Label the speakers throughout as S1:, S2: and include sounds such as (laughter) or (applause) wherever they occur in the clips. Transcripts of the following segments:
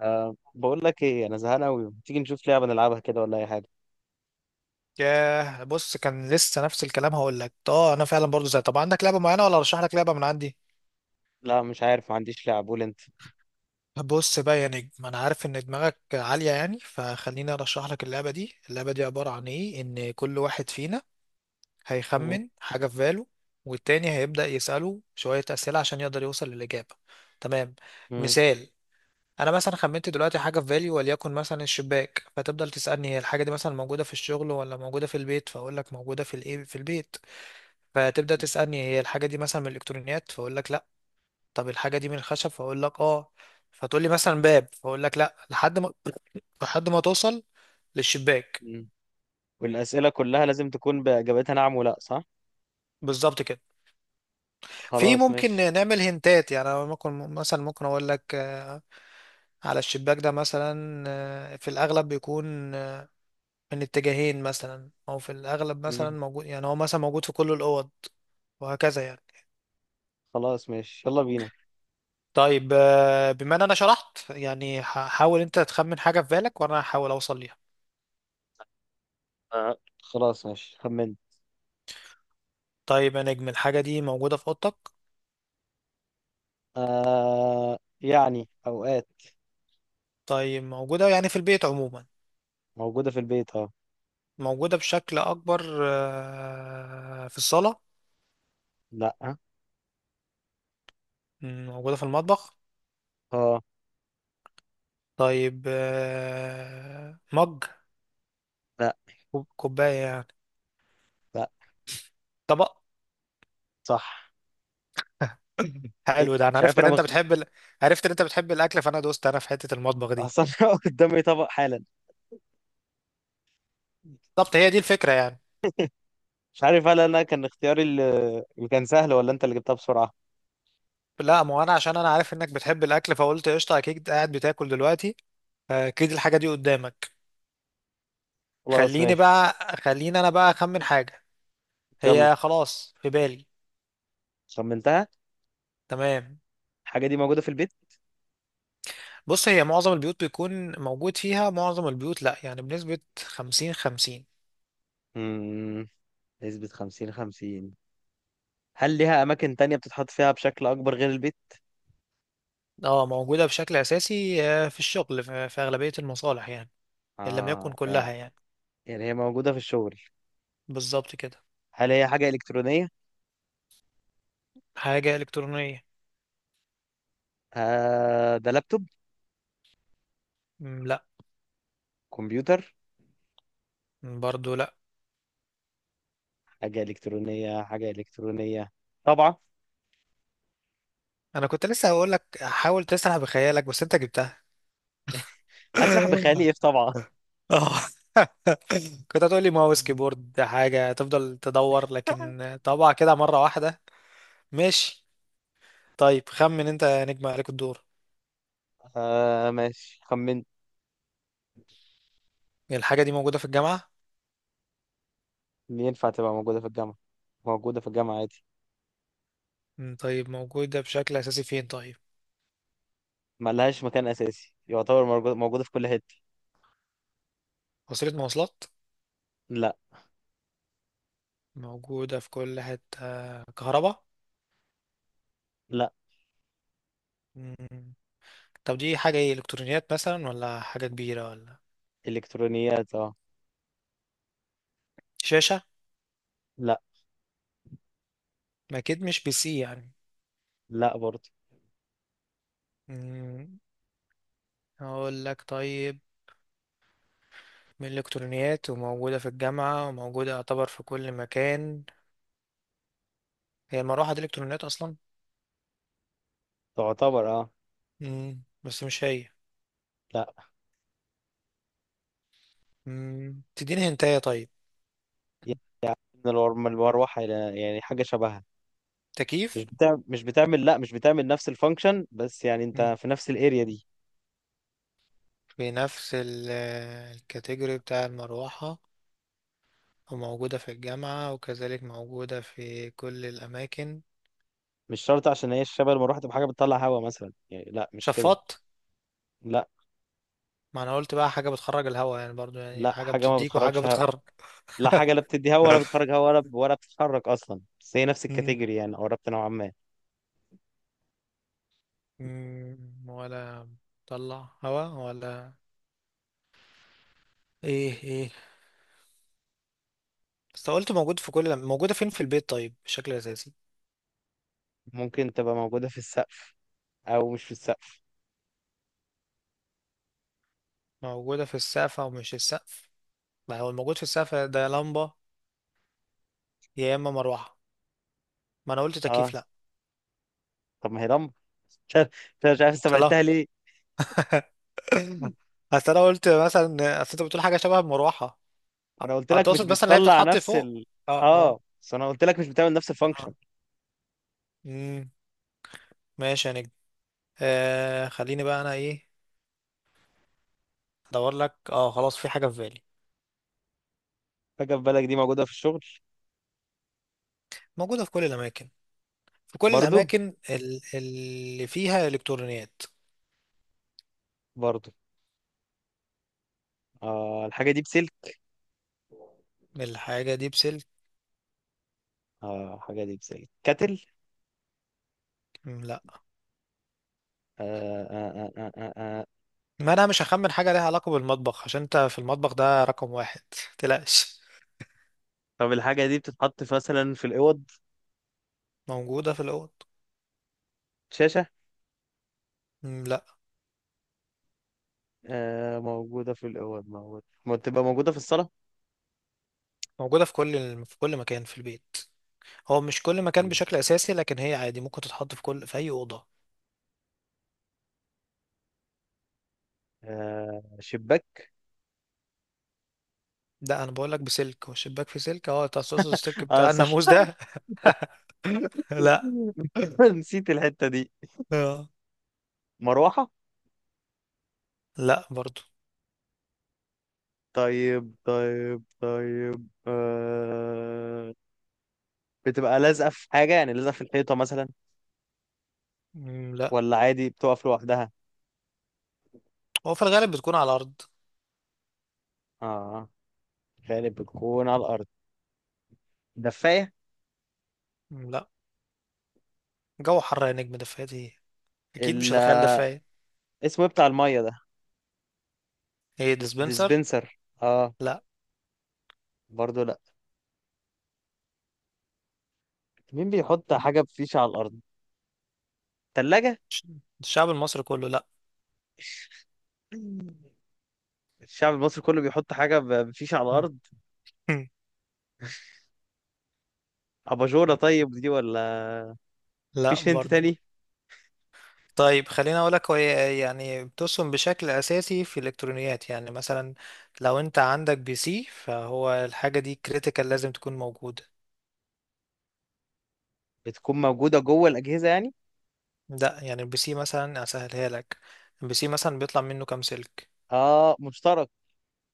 S1: أه بقول لك ايه، انا زهقان قوي. ما تيجي نشوف لعبه نلعبها كده، ولا اي حاجه؟
S2: ياه، بص كان لسه نفس الكلام. هقول لك انا فعلا برضو زي. طب عندك لعبه معينه ولا ارشح لك لعبه من عندي؟
S1: لا، مش عارف، ما عنديش لعب، قول انت.
S2: بص بقى يا نجم، انا عارف ان دماغك عاليه يعني، فخليني ارشح لك اللعبه دي. اللعبه دي عباره عن ايه؟ ان كل واحد فينا
S1: مم،
S2: هيخمن حاجه في باله، والتاني هيبدا يساله شويه اسئله عشان يقدر يوصل للاجابه. تمام.
S1: مم،
S2: مثال: انا مثلا خمنت دلوقتي حاجه في بالي، وليكن مثلا الشباك. فتفضل تسالني هي الحاجه دي مثلا موجوده في الشغل ولا موجوده في البيت، فاقول لك موجوده في الايه، في البيت. فتبدأ تسألني هي الحاجة دي مثلا من الإلكترونيات، فأقول لك لأ. طب الحاجة دي من الخشب، فأقول لك آه. فتقول لي مثلا باب، فأقول لك لأ، لحد ما، لحد ما توصل للشباك.
S1: مم. والاسئله كلها لازم تكون باجابتها نعم ولا صح؟
S2: بالظبط كده. في
S1: خلاص
S2: ممكن
S1: ماشي.
S2: نعمل هنتات يعني، أنا ممكن مثلا، ممكن أقول لك آه، على الشباك ده مثلا آه، في الأغلب بيكون آه، من اتجاهين مثلا، أو في الأغلب مثلا
S1: مم.
S2: موجود، يعني هو مثلا موجود في كل الأوض وهكذا يعني.
S1: خلاص ماشي، يلا بينا.
S2: طيب بما ان انا شرحت يعني، حاول انت تخمن حاجة في بالك وانا هحاول اوصل ليها.
S1: أه خلاص ماشي، خمن.
S2: طيب يا نجم، الحاجة دي موجودة في أوضتك؟
S1: أه، يعني اوقات.
S2: طيب، موجودة يعني في البيت عموما؟
S1: موجوده في البيت، اه.
S2: موجودة بشكل أكبر في الصالة؟
S1: لا.
S2: مم، موجودة في المطبخ؟
S1: اه.
S2: طيب مج،
S1: لا.
S2: كوباية يعني؟
S1: لا.
S2: طبق؟
S1: صح.
S2: (clears throat) (coughs)
S1: إيه؟
S2: حلو. ده أنا
S1: مش عارف
S2: عرفت إن
S1: انا
S2: أنت
S1: بخ...
S2: بتحب ال... عرفت إن أنت بتحب الأكل، فأنا دوست أنا في حتة المطبخ دي.
S1: اصلا (laughs) قدامي طبق حالا.
S2: بالظبط هي دي الفكرة يعني.
S1: مش عارف، هل انا كان اختياري اللي كان سهل، ولا انت اللي جبتها بسرعه؟
S2: لا، ما هو أنا عشان أنا عارف إنك بتحب الأكل، فقلت قشطة أكيد قاعد بتاكل دلوقتي، فأكيد الحاجة دي قدامك.
S1: خلاص
S2: خليني
S1: ماشي.
S2: بقى، خليني أنا بقى أخمن حاجة.
S1: يلا.
S2: هي خلاص في بالي.
S1: خمنتها.
S2: تمام.
S1: الحاجة دي موجودة في البيت.
S2: بص، هي معظم البيوت بيكون موجود فيها. معظم البيوت لا يعني، بنسبة خمسين خمسين.
S1: مم. نسبة خمسين خمسين. هل ليها أماكن تانية بتتحط فيها بشكل أكبر غير البيت؟
S2: اه، موجودة بشكل أساسي في الشغل، في أغلبية المصالح يعني، إن لم يكن
S1: آه
S2: كلها
S1: يعني.
S2: يعني.
S1: يعني هي موجودة في الشغل.
S2: بالظبط كده.
S1: هل هي حاجة إلكترونية؟
S2: حاجة إلكترونية.
S1: آه، ده لابتوب.
S2: مم، لا.
S1: كمبيوتر.
S2: مم، برضو لا.
S1: حاجة إلكترونية، حاجة إلكترونية. طبعة.
S2: أنا كنت لسه هقول لك حاول تسرح بخيالك بس أنت جبتها.
S1: هسرح بخيالي
S2: (laughs)
S1: إيه في طبعة؟
S2: اه. (laughs) كنت هتقول لي ماوس، كيبورد، حاجة، تفضل تدور،
S1: (laughs)
S2: لكن طبعا كده مرة واحدة. ماشي. طيب خمن انت يا نجم، عليك الدور.
S1: آه ماشي، خمنت.
S2: الحاجة دي موجودة في الجامعة؟
S1: ينفع تبقى موجودة في الجامعة؟ موجودة في الجامعة عادي.
S2: مم، طيب موجودة بشكل أساسي فين طيب؟
S1: ملهاش مكان أساسي يعتبر، موجودة في كل حتة.
S2: وسيلة مواصلات؟
S1: لا.
S2: موجودة في كل حتة؟ كهرباء؟
S1: لا.
S2: مم، طب دي حاجة ايه، إلكترونيات مثلا ولا حاجة كبيرة ولا؟
S1: إلكترونيات، اه.
S2: شاشة؟
S1: لا.
S2: ما أكيد مش بي سي يعني.
S1: لا برضه.
S2: مم، أقول لك طيب، من الإلكترونيات وموجودة في الجامعة وموجودة يعتبر في كل مكان. هي المروحة دي إلكترونيات أصلا؟
S1: تعتبر اه.
S2: مم، بس مش هي.
S1: لا.
S2: مم، تديني هنتاية طيب.
S1: يعني. من المروحة. يعني حاجة شبهها. مش
S2: تكييف؟
S1: بتعمل مش بتعمل لا، مش بتعمل نفس الفانكشن، بس يعني انت في نفس الاريا دي.
S2: في نفس الكاتيجوري بتاع المروحة، وموجودة في الجامعة وكذلك موجودة في كل الأماكن.
S1: مش شرط عشان هي الشبه المروحة تبقى حاجة بتطلع هوا مثلا، يعني لا، مش كده.
S2: شفاط؟
S1: لا.
S2: ما أنا قلت بقى حاجة بتخرج الهواء يعني برضو، يعني
S1: لا،
S2: حاجة
S1: حاجة ما
S2: بتديك وحاجة
S1: بتخرجش هوا.
S2: بتخرج.
S1: لا، حاجة لا
S2: (laughs)
S1: بتدي هوا ولا بتخرج هوا، ولا بتتحرك أصلا، بس هي نفس
S2: مم.
S1: الكاتيجوري يعني، قربت نوعا ما.
S2: مم، ولا طلع هواء ولا ايه ايه. بس قلت موجود في كل، موجودة فين في البيت طيب بشكل أساسي؟
S1: ممكن تبقى موجودة في السقف، أو مش في السقف.
S2: موجودة في السقف أو مش السقف؟ ما هو الموجود في السقف ده يا لمبة يا إما مروحة، ما أنا قلت
S1: اه.
S2: تكييف لأ.
S1: طب ما هي لمبة. (laughs) مش عارف. مش عارف استبعدتها
S2: طلع.
S1: ليه.
S2: (laughs) (laughs) اصل انا قلت مثلا، اصل انت بتقول حاجه شبه المروحه،
S1: انا قلت
S2: او
S1: لك مش
S2: تقصد مثلا اللي هي
S1: بتطلع
S2: بتتحط
S1: نفس
S2: فوق؟
S1: ال.
S2: اه اه
S1: اه، بس انا قلت لك مش بتعمل نفس الفانكشن.
S2: اه. امم ماشي يا نجم. آه خليني بقى انا ايه، ادور لك. اه خلاص، في حاجه في بالي.
S1: فجأة، في بالك دي موجودة في الشغل.
S2: موجوده في كل الاماكن، في كل
S1: برضو.
S2: الاماكن اللي فيها الكترونيات.
S1: برضو. آه، الحاجة دي بسلك.
S2: الحاجه دي بسلك.
S1: اه، الحاجة دي بسلك كاتل.
S2: مم، لا.
S1: آه، آه، آه، آه، آه. آه.
S2: ما انا مش هخمن حاجه ليها علاقه بالمطبخ عشان انت في المطبخ ده رقم واحد (laughs) متقلقش.
S1: طب الحاجة دي بتتحط مثلا في الأوض.
S2: موجوده في الاوض.
S1: شاشة.
S2: مم، لا.
S1: آه موجودة في الأوض، موجودة، ما تبقى موجودة في الصالة.
S2: موجوده في كل في كل مكان في البيت. هو مش كل مكان
S1: مم.
S2: بشكل اساسي، لكن هي عادي ممكن تتحط في كل، في اي اوضه.
S1: آه، شباك.
S2: ده انا بقول لك بسلك، والشباك في سلك، اه انت هتقصد السلك
S1: اه
S2: بتاع
S1: صح.
S2: الناموس ده. (laughs) لا.
S1: (laughs) نسيت الحتة دي.
S2: آه.
S1: مروحة.
S2: لا برضو.
S1: طيب، طيب، طيب، آه. بتبقى لازقة في حاجة، يعني لازقة في الحيطة مثلا،
S2: مم، لا.
S1: ولا عادي بتقف لوحدها؟
S2: هو في الغالب بتكون على الارض.
S1: اه، غالب بتكون على الأرض. دفاية.
S2: مم، لا. جو حر يا نجم، دفايات ايه، اكيد مش
S1: ال-
S2: هتخيل دفايه.
S1: اسمه إيه بتاع المية ده؟
S2: ايه ديسبنسر؟
S1: ديسبنسر اه.
S2: لا.
S1: برضو لا. مين بيحط حاجة بفيشة على الأرض؟ تلاجة.
S2: ش- الشعب المصري كله لا.
S1: (laughs) الشعب المصري كله بيحط حاجة بفيشة على
S2: مم.
S1: الأرض.
S2: (laughs)
S1: أباجورة طيب دي، ولا
S2: لا
S1: فيش هنت
S2: برضو.
S1: تاني؟
S2: طيب خليني اقول لك هي يعني بتصم بشكل اساسي في الالكترونيات يعني، مثلا لو انت عندك بي سي، فهو الحاجه دي كريتيكال، لازم تكون موجوده.
S1: بتكون موجودة جوه الأجهزة يعني.
S2: ده يعني البي سي مثلا اسهلها لك. البي سي مثلا بيطلع منه كام سلك؟
S1: اه، مشترك.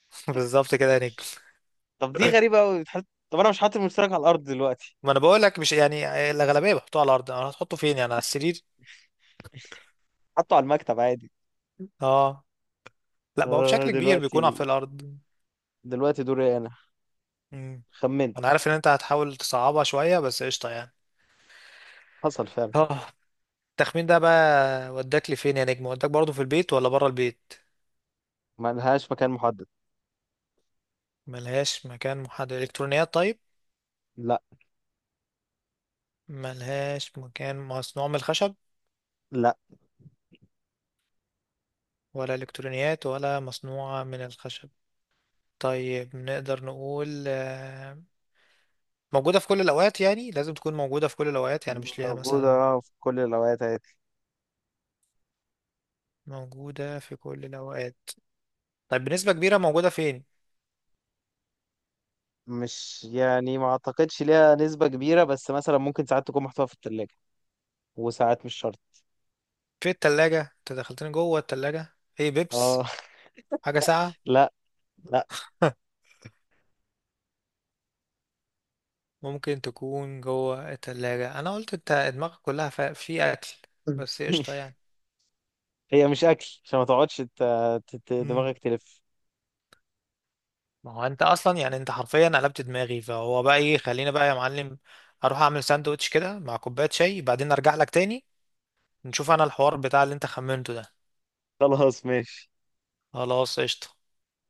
S2: (laughs) بالظبط كده يا نجم.
S1: طب دي غريبة أوي. طب أنا مش حاطط المشترك على الأرض دلوقتي،
S2: ما انا بقول لك مش يعني الاغلبيه بحطوه على الارض، انا هتحطه فين يعني، على السرير؟
S1: حاطه على المكتب عادي.
S2: اه. لا ما هو
S1: آه
S2: بشكل كبير بيكون في
S1: دلوقتي
S2: الارض.
S1: دلوقتي دوري انا.
S2: مم.
S1: خمنت.
S2: انا عارف ان انت هتحاول تصعبها شويه بس قشطه يعني.
S1: حصل فعلا.
S2: اه. التخمين ده بقى وداك لفين يا نجم، وداك برضه في البيت ولا بره البيت؟
S1: ما لهاش مكان محدد.
S2: ملهاش مكان محدد. الكترونيات طيب؟
S1: لا.
S2: ملهاش مكان مصنوع من الخشب؟
S1: لا.
S2: ولا الكترونيات ولا مصنوعة من الخشب. طيب نقدر نقول موجودة في كل الأوقات يعني، لازم تكون موجودة في كل الأوقات يعني، مش ليها مثلا.
S1: موجودة في كل الأوقات عادي.
S2: موجودة في كل الأوقات. طيب بنسبة كبيرة موجودة فين؟
S1: مش يعني، ما أعتقدش ليها نسبة كبيرة، بس مثلا ممكن ساعات تكون محطوطة في التلاجة، وساعات مش شرط.
S2: في التلاجة؟ انت دخلتني جوه التلاجة، ايه
S1: اه.
S2: بيبس، حاجة
S1: (laughs)
S2: ساقعة؟
S1: لا. لا.
S2: (laughs) ممكن تكون جوه التلاجة. انا قلت انت دماغك كلها في اكل، بس قشطة
S1: (laughs)
S2: يعني.
S1: هي مش أكل عشان ما تقعدش
S2: مم.
S1: دماغك تلف.
S2: ما هو انت اصلا يعني، انت حرفيا قلبت دماغي، فهو بقى ايه خلينا بقى يا معلم. اروح اعمل ساندوتش كده مع كوبايه شاي، بعدين ارجع لك تاني نشوف انا الحوار بتاع اللي انت خمنته ده.
S1: خلاص ماشي.
S2: خلاص قشطه.